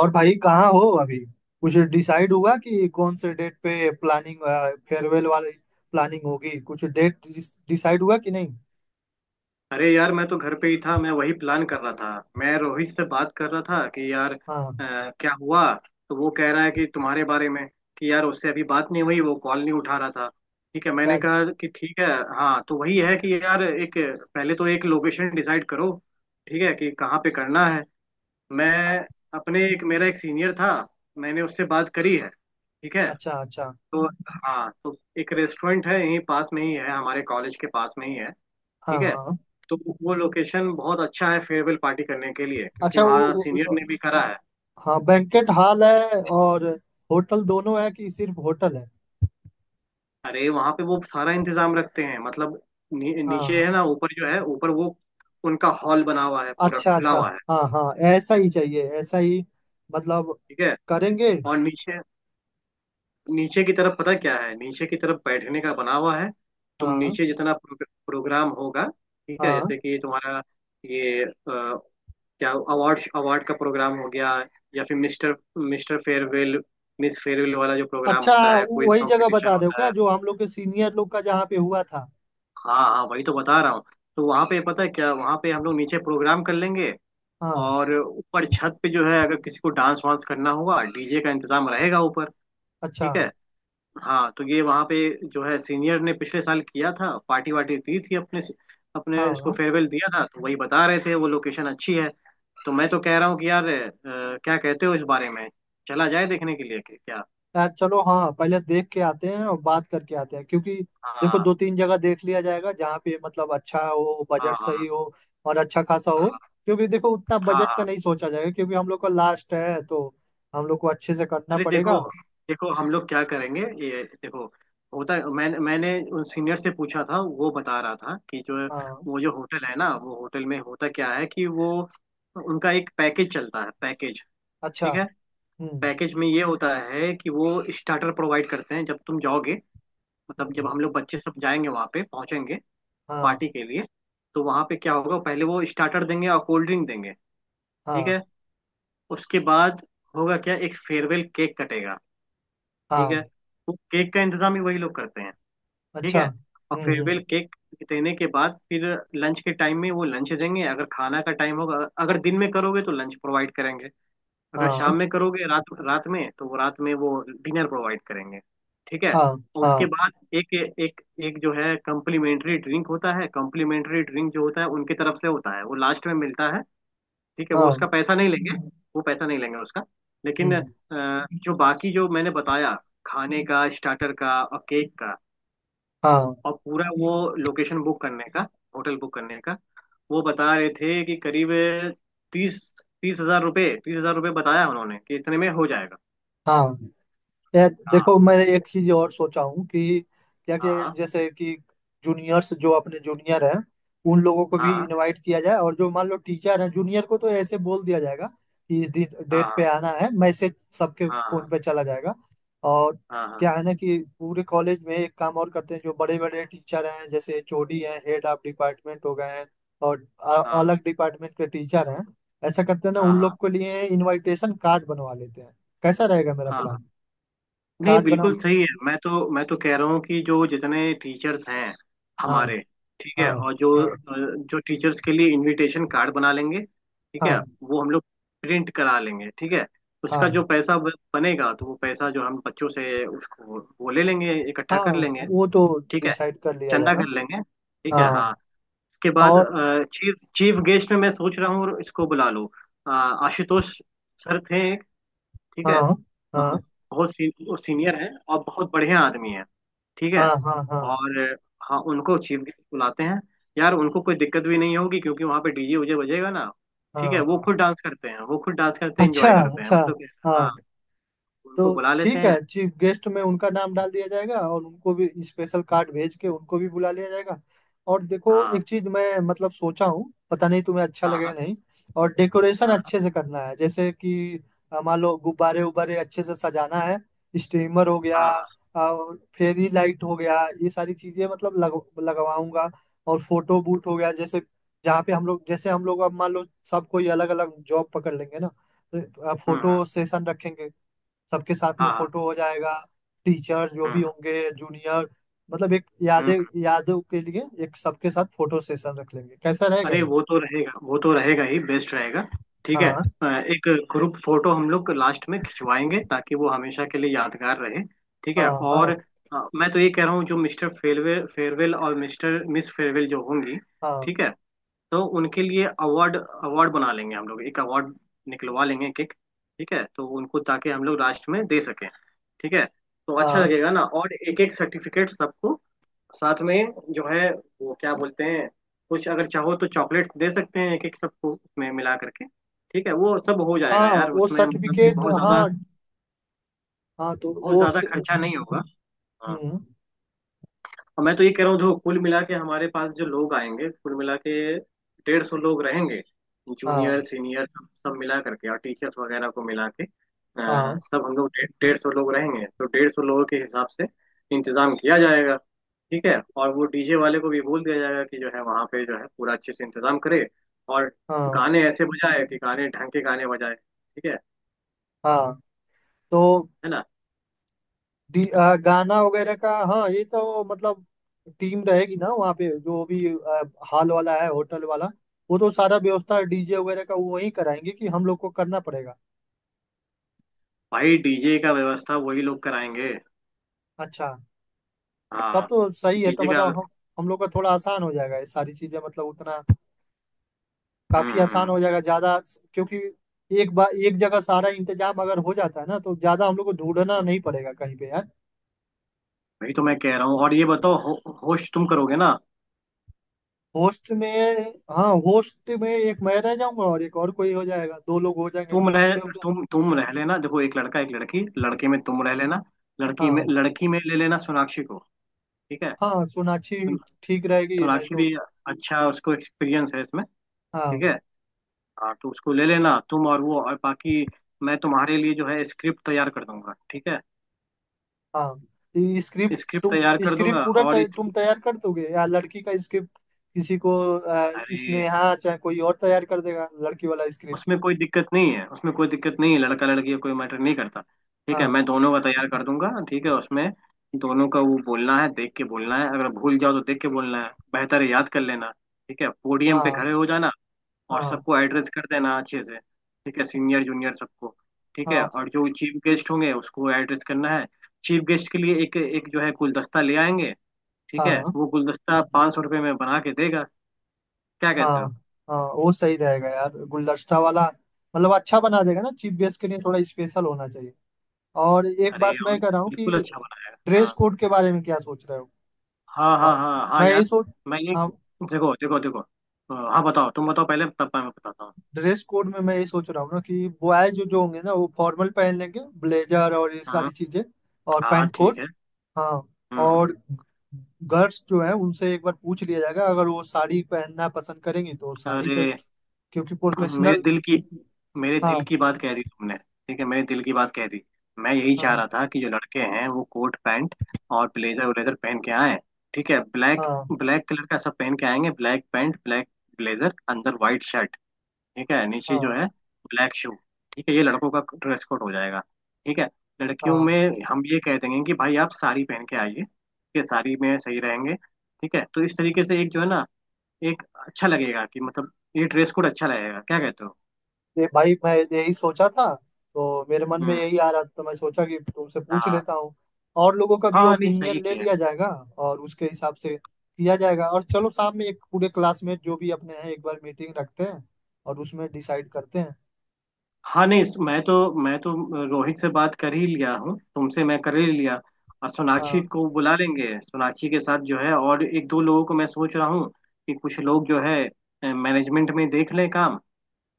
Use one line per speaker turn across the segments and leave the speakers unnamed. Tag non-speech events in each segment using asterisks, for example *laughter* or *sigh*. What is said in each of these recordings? और भाई कहाँ हो अभी? कुछ डिसाइड हुआ कि कौन से डेट पे प्लानिंग, फेयरवेल वाली प्लानिंग होगी? कुछ डेट डिसाइड हुआ कि नहीं?
अरे यार, मैं तो घर पे ही था। मैं वही प्लान कर रहा था। मैं रोहित से बात कर रहा था कि यार
हाँ।
क्या हुआ। तो वो कह रहा है कि तुम्हारे बारे में कि यार उससे अभी बात नहीं हुई, वो कॉल नहीं उठा रहा था। ठीक है, मैंने
यार,
कहा कि ठीक है। हाँ, तो वही है कि यार एक, पहले तो एक लोकेशन डिसाइड करो। ठीक है कि कहाँ पे करना है।
अ-
मैं अपने एक, मेरा एक सीनियर था, मैंने उससे बात करी है, ठीक है।
अच्छा अच्छा।
तो हाँ, तो एक रेस्टोरेंट है, यहीं पास में ही है, हमारे कॉलेज के पास में ही है,
हाँ
ठीक है।
हाँ।
तो वो लोकेशन बहुत अच्छा है फेयरवेल पार्टी करने के लिए, क्योंकि
अच्छा वो
वहाँ
वो-
सीनियर
वो-
ने भी करा है।
हाँ, बैंकेट हॉल है और होटल दोनों है कि सिर्फ होटल है?
अरे वहाँ पे वो सारा इंतजाम रखते हैं, मतलब
हाँ
नीचे है
हाँ।
ना, ऊपर जो है, ऊपर वो उनका हॉल बना हुआ है, पूरा
अच्छा
खुला
अच्छा।
हुआ है।
हाँ हाँ, ऐसा ही चाहिए, ऐसा ही मतलब
ठीक है।
करेंगे।
और नीचे, नीचे की तरफ पता क्या है, नीचे की तरफ बैठने का बना हुआ है। तुम
हाँ
नीचे जितना प्रोग्राम होगा, ठीक है,
हाँ।
जैसे कि तुम्हारा ये, क्या अवार्ड अवार्ड का प्रोग्राम हो गया या फिर mister mister farewell, miss farewell वाला, जो प्रोग्राम होता है, क्विज
वही जगह
कंपटीशन
बता रहे हो
होता
क्या,
है।
जो हम लोग के सीनियर लोग का जहाँ पे हुआ था?
हाँ हाँ, वही तो बता रहा हूँ। तो वहाँ पे पता है क्या, वहाँ पे हम लोग नीचे प्रोग्राम कर लेंगे,
हाँ।
और ऊपर छत पे जो है, अगर किसी को डांस वांस करना होगा, डीजे का इंतजाम रहेगा ऊपर,
अच्छा।
ठीक है। हाँ, तो ये वहाँ पे जो है सीनियर ने पिछले साल किया था, पार्टी वार्टी दी थी, अपने अपने इसको
हाँ।
फेयरवेल दिया था, तो वही बता रहे थे, वो लोकेशन अच्छी है। तो मैं तो कह रहा हूँ कि यार क्या कहते हो इस बारे में। चला जाए देखने के लिए कि क्या।
यार चलो, हाँ, पहले देख के आते हैं और बात करके आते हैं, क्योंकि देखो
हाँ
2-3 जगह देख लिया जाएगा जहाँ पे मतलब अच्छा हो,
हाँ,
बजट
हाँ
सही हो और अच्छा खासा हो।
हाँ,
क्योंकि देखो उतना
हाँ
बजट का नहीं
हाँ।
सोचा जाएगा क्योंकि हम लोग का लास्ट है, तो हम लोग को अच्छे से करना
अरे देखो,
पड़ेगा।
देखो हम लोग क्या करेंगे। ये देखो, होता, मैंने मैंने उन सीनियर से पूछा था, वो बता रहा था कि जो,
हाँ।
वो जो होटल है ना, वो होटल में होता क्या है कि वो, उनका एक पैकेज चलता है, पैकेज,
अच्छा,
ठीक है।
हम्म
पैकेज में ये होता है कि वो स्टार्टर प्रोवाइड करते हैं जब तुम जाओगे, मतलब जब
हम्म।
हम लोग बच्चे सब जाएंगे वहाँ पे पहुंचेंगे
हाँ
पार्टी के लिए। तो वहाँ पे क्या होगा, पहले वो स्टार्टर देंगे और कोल्ड ड्रिंक देंगे, ठीक
हाँ
है। उसके बाद होगा क्या, एक फेयरवेल केक कटेगा, ठीक
हाँ।
है। वो केक का इंतजाम भी वही लोग करते हैं, ठीक
अच्छा,
है। और
हम्म।
फेयरवेल केक देने के बाद फिर लंच के टाइम में वो लंच देंगे, अगर खाना का टाइम होगा। अगर दिन में करोगे तो लंच प्रोवाइड करेंगे, अगर
हाँ
शाम में करोगे, रात, रात में तो वो रात में वो डिनर प्रोवाइड करेंगे, ठीक है।
हाँ
और
हाँ
उसके बाद एक एक एक जो है कम्प्लीमेंट्री ड्रिंक होता है, कम्प्लीमेंट्री ड्रिंक जो होता है उनकी तरफ से होता है, वो लास्ट में मिलता है। ठीक है, वो
हाँ।
उसका पैसा नहीं लेंगे। वो पैसा नहीं लेंगे उसका। लेकिन
हम्म।
जो बाकी जो मैंने बताया, खाने का, स्टार्टर का और केक का,
हाँ
और पूरा वो लोकेशन बुक करने का, होटल बुक करने का, वो बता रहे थे कि करीब तीस, 30,000 रुपये, 30,000 रुपये बताया उन्होंने कि इतने में हो जाएगा।
हाँ। यार
हाँ
देखो, मैं एक चीज और सोचा हूँ कि क्या क्या,
हाँ,
जैसे कि जूनियर्स जो अपने जूनियर हैं, उन लोगों को भी
हाँ
इनवाइट किया जाए, और जो मान लो टीचर हैं जूनियर को, तो ऐसे बोल दिया जाएगा कि इस दिन डेट पे
हाँ,
आना है, मैसेज सबके फोन
हाँ
पे चला जाएगा। और
हाँ,
क्या है ना, कि पूरे कॉलेज में एक काम और करते हैं, जो बड़े बड़े टीचर हैं जैसे एचओडी हैं, हेड ऑफ डिपार्टमेंट हो गए हैं, और अलग डिपार्टमेंट के टीचर हैं, ऐसा करते हैं ना,
हाँ
उन लोग
हाँ
के लिए इनविटेशन कार्ड बनवा लेते हैं। कैसा रहेगा मेरा
हाँ।
प्लान?
नहीं,
कार्ड
बिल्कुल
बनाओ।
सही है। मैं तो, मैं तो कह रहा हूँ कि जो जितने टीचर्स हैं
हाँ
हमारे, ठीक
हाँ।
है, और जो
हाँ
जो टीचर्स के लिए इनविटेशन कार्ड बना लेंगे, ठीक है,
हाँ।
वो हम लोग प्रिंट करा लेंगे, ठीक है।
हाँ
उसका जो पैसा बनेगा, तो वो पैसा जो हम बच्चों से उसको वो ले लेंगे, इकट्ठा
हाँ।
कर लेंगे,
वो तो
ठीक है,
डिसाइड कर लिया
चंदा कर
जाएगा।
लेंगे, ठीक है हाँ।
हाँ।
उसके बाद
और
चीफ, चीफ गेस्ट में मैं सोच रहा हूँ, इसको बुला लो आशुतोष सर थे एक, ठीक है
हाँ हाँ
बहुत सीनियर हैं और बहुत बढ़िया आदमी हैं, ठीक
हाँ
है।
हाँ हाँ
और हाँ, उनको चीफ गेस्ट बुलाते हैं। यार उनको कोई दिक्कत भी नहीं होगी, क्योंकि वहां पे डीजे उजे बजेगा ना।
हाँ
ठीक है, वो
हाँ।
खुद डांस करते हैं, वो खुद डांस करते हैं,
अच्छा
इंजॉय करते हैं,
अच्छा।
मैं तो।
हाँ,
हाँ, उनको
तो
बुला लेते
ठीक है,
हैं।
चीफ गेस्ट में उनका नाम डाल दिया जाएगा और उनको भी स्पेशल कार्ड भेज के उनको भी बुला लिया जाएगा। और देखो एक
हाँ
चीज मैं मतलब सोचा हूँ, पता नहीं तुम्हें अच्छा लगेगा
हाँ,
नहीं। और डेकोरेशन
हाँ हाँ,
अच्छे से करना है, जैसे कि मान लो गुब्बारे उब्बारे अच्छे से सजाना है, स्ट्रीमर हो गया,
हाँ हाँ।
और फेरी लाइट हो गया, ये सारी चीजें मतलब लगवाऊंगा। और फोटो बूट हो गया, जैसे जहाँ पे हम लोग, जैसे हम लोग अब मान लो सब कोई अलग अलग जॉब पकड़ लेंगे ना, तो
हम्म हम्म,
फोटो सेशन रखेंगे, सबके साथ में
हाँ हाँ।
फोटो हो जाएगा, टीचर्स जो भी
हम्म
होंगे, जूनियर, मतलब एक
हम्म।
यादें, यादों के लिए एक सबके साथ फोटो सेशन रख लेंगे। कैसा रहेगा
अरे,
ये?
वो तो रहेगा, वो तो रहेगा ही, बेस्ट रहेगा, ठीक है।
हाँ
एक ग्रुप फोटो हम लोग लास्ट में खिंचवाएंगे ताकि वो हमेशा के लिए यादगार रहे, ठीक है।
हाँ।
और
हाँ
मैं तो ये कह रहा हूँ, जो मिस्टर फेयरवेल फेयरवेल और मिस फेयरवेल जो होंगी,
हाँ।
ठीक है, तो उनके लिए अवार्ड अवार्ड बना लेंगे, हम लोग एक अवार्ड निकलवा लेंगे, एक एक, ठीक है, तो उनको, ताकि हम लोग लास्ट में दे सकें, ठीक है। तो अच्छा
हाँ
लगेगा ना, और एक एक सर्टिफिकेट सबको साथ में, जो है, वो क्या बोलते हैं, कुछ अगर चाहो तो चॉकलेट्स दे सकते हैं एक एक सबको उसमें मिला करके, ठीक है, वो सब हो जाएगा
हाँ,
यार,
वो
उसमें मतलब कि
सर्टिफिकेट,
बहुत ज्यादा,
हाँ। हाँ तो
बहुत
वो
ज्यादा
से-
खर्चा नहीं होगा।
हम्म।
और मैं तो ये कह रहा हूँ, जो कुल मिला के हमारे पास जो लोग आएंगे, कुल मिला के 150 लोग रहेंगे। जूनियर
हाँ
सीनियर सब सब मिला करके और टीचर्स वगैरह को मिला के
हाँ।
सब, हम लोग डेढ़ डेढ़ सौ लोग रहेंगे, तो 150 लोगों के हिसाब से इंतजाम किया जाएगा, ठीक है। और वो डीजे वाले को भी बोल दिया जाएगा कि जो है वहाँ पे जो है पूरा अच्छे से इंतजाम करे, और
हाँ
गाने ऐसे बजाए कि गाने ढंग के गाने बजाए, ठीक है
हाँ। तो
है ना।
गाना वगैरह का, हाँ, ये तो मतलब टीम रहेगी ना वहाँ पे, जो भी हॉल वाला है, होटल वाला, वो तो सारा व्यवस्था डीजे वगैरह का वो वही कराएंगे कि हम लोग को करना पड़ेगा?
भाई डीजे का व्यवस्था वही लोग कराएंगे।
अच्छा। तब
हाँ,
तो सही है, तो
डीजे का।
मतलब हम लोग का थोड़ा आसान हो जाएगा, ये सारी चीजें मतलब उतना,
हम्म
काफी
हम्म,
आसान
हम्म।
हो जाएगा ज्यादा। क्योंकि एक बार एक जगह सारा इंतजाम अगर हो जाता है ना, तो ज्यादा हम लोग को ढूंढना नहीं पड़ेगा कहीं पे यार।
वही तो मैं कह रहा हूँ, और ये बताओ होस्ट तुम करोगे ना।
होस्ट में, हाँ, होस्ट में एक मैं रह जाऊंगा और एक और कोई हो जाएगा, दो लोग हो जाएंगे,
तुम रह,
क्योंकि
तुम रह लेना, देखो, एक लड़का एक लड़की, लड़के में तुम रह लेना, लड़की में,
हाँ।
लड़की में ले लेना सोनाक्षी को, ठीक है।
हाँ, सोनाक्षी
सो-
ठीक रहेगी, नहीं
सोनाक्षी
तो।
भी, अच्छा, उसको एक्सपीरियंस है इसमें, ठीक
हाँ
है। हाँ, तो उसको ले लेना तुम, और वो, और बाकी मैं तुम्हारे लिए जो है स्क्रिप्ट तैयार कर दूंगा, ठीक है,
हाँ। तो ये स्क्रिप्ट
स्क्रिप्ट
तुम,
तैयार कर
स्क्रिप्ट
दूंगा
पूरा
और इस,
तुम तैयार कर दोगे या लड़की का स्क्रिप्ट किसी को, आ,
अरे,
स्नेहा चाहे कोई और तैयार कर देगा लड़की वाला स्क्रिप्ट?
उसमें कोई दिक्कत नहीं है, उसमें कोई दिक्कत नहीं है, लड़का लड़की का कोई मैटर नहीं करता, ठीक है।
हाँ
मैं दोनों का तैयार कर दूंगा, ठीक है, उसमें दोनों का वो बोलना है, देख के बोलना है, अगर भूल जाओ तो देख के बोलना है, बेहतर है याद कर लेना, ठीक है। पोडियम पे
हाँ
खड़े हो जाना और
हाँ
सबको एड्रेस कर देना अच्छे से, ठीक है, सीनियर जूनियर सबको, ठीक है।
हाँ।
और जो चीफ गेस्ट होंगे उसको एड्रेस करना है। चीफ गेस्ट के लिए एक एक जो है गुलदस्ता ले आएंगे, ठीक है,
हाँ
वो गुलदस्ता 500 रुपये में बना के देगा, क्या
हाँ।
कहते हो।
हाँ, वो सही रहेगा यार, गुलदस्ता वाला, मतलब अच्छा बना देगा ना, चीफ गेस्ट के लिए थोड़ा स्पेशल होना चाहिए। और एक
अरे
बात मैं
और,
कह रहा हूँ कि
बिल्कुल अच्छा
ड्रेस
बनाएगा।
कोड के बारे में क्या सोच रहे हो?
हाँ हाँ,
हाँ,
हाँ हाँ
मैं यही
यार।
सोच,
मैंने,
हाँ,
देखो देखो देखो हाँ, बताओ, तुम बताओ पहले, तब मैं बताता हूँ।
ड्रेस कोड में मैं ये सोच रहा हूँ ना कि बॉयज जो जो होंगे ना, वो फॉर्मल पहन लेंगे, ब्लेजर और ये सारी
हाँ
चीजें, और
हाँ,
पैंट
ठीक
कोट।
है,
हाँ।
हम्म।
और गर्ल्स जो है, उनसे एक बार पूछ लिया जाएगा, अगर वो साड़ी पहनना पसंद करेंगी तो वो साड़ी
अरे
पहन, क्योंकि
*clears throat* मेरे
प्रोफेशनल।
दिल की, मेरे दिल
हाँ
की बात कह दी तुमने, ठीक है, मेरे दिल की बात कह दी। मैं यही
हाँ
चाह रहा था कि जो लड़के हैं वो कोट पैंट और ब्लेजर व्लेजर पहन के आए, ठीक है, ब्लैक,
हाँ
ब्लैक कलर का सब पहन के आएंगे, ब्लैक पैंट, ब्लैक ब्लेजर, अंदर व्हाइट शर्ट, ठीक है, नीचे जो
हाँ
है ब्लैक शू, ठीक है। ये लड़कों का ड्रेस कोड हो जाएगा, ठीक है। लड़कियों
हाँ।
में हम ये कह देंगे कि भाई आप साड़ी पहन के आइए, ठीक है, साड़ी में सही रहेंगे, ठीक है। तो इस तरीके से एक जो है ना, एक, अच्छा लगेगा कि मतलब, ये ड्रेस कोड अच्छा लगेगा, क्या कहते हो।
ये भाई मैं यही सोचा था, तो मेरे मन में
हम्म,
यही आ रहा था, तो मैं सोचा कि तुमसे पूछ
हाँ
लेता हूँ। और लोगों का भी
हाँ, नहीं सही
ओपिनियन ले
किया।
लिया जाएगा, और उसके हिसाब से किया जाएगा। और चलो शाम में एक पूरे क्लासमेट जो भी अपने हैं एक बार मीटिंग रखते हैं, और उसमें डिसाइड करते हैं।
हाँ, नहीं, मैं तो, मैं तो रोहित से बात कर ही लिया हूँ, तुमसे मैं कर ही लिया। और सोनाक्षी
हाँ
को बुला लेंगे, सोनाक्षी के साथ जो है, और एक दो लोगों को मैं सोच रहा हूँ कि कुछ लोग जो है मैनेजमेंट में देख लें काम,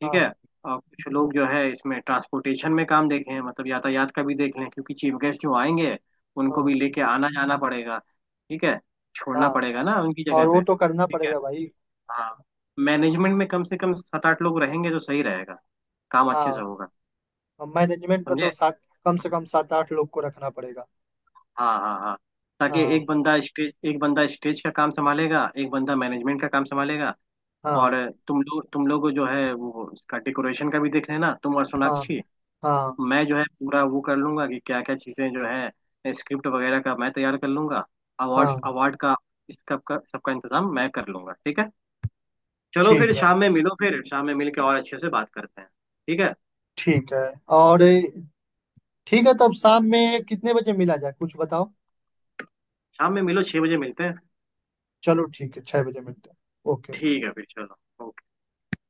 ठीक है,
हाँ
और कुछ लोग जो है इसमें ट्रांसपोर्टेशन में काम देखें, मतलब यातायात का भी देख लें, क्योंकि चीफ गेस्ट जो आएंगे, उनको
हाँ
भी लेके आना जाना पड़ेगा, ठीक है, छोड़ना
हाँ।
पड़ेगा ना उनकी जगह
और
पे,
वो तो करना
ठीक है।
पड़ेगा भाई।
हाँ, मैनेजमेंट में कम से कम सात आठ लोग रहेंगे तो सही रहेगा, काम अच्छे से
हाँ,
होगा,
मैनेजमेंट में तो
समझे।
7, कम से कम 7-8 लोग को रखना पड़ेगा।
हाँ हाँ हाँ, ताकि
हाँ
एक बंदा स्टेज, एक बंदा स्टेज का काम संभालेगा, एक बंदा मैनेजमेंट का काम संभालेगा।
हाँ
और तुम लोग, तुम लोग जो है वो इसका डेकोरेशन का भी देख लेना, तुम और
हाँ
सोनाक्षी।
हाँ
मैं जो है पूरा वो कर लूंगा कि क्या क्या चीजें जो है स्क्रिप्ट वगैरह का मैं तैयार कर लूंगा, अवार्ड
हाँ।
अवार्ड का, इसका सबका इंतजाम मैं कर लूंगा, ठीक है। चलो फिर
ठीक है।
शाम में मिलो, फिर शाम में मिल के और अच्छे से बात करते हैं, ठीक है।
ठीक है। और ठीक है, तब शाम में कितने बजे मिला जाए, कुछ बताओ?
शाम में मिलो, 6 बजे मिलते हैं।
चलो ठीक है, 6 बजे मिलते हैं। ओके।
ठीक है, फिर चलो।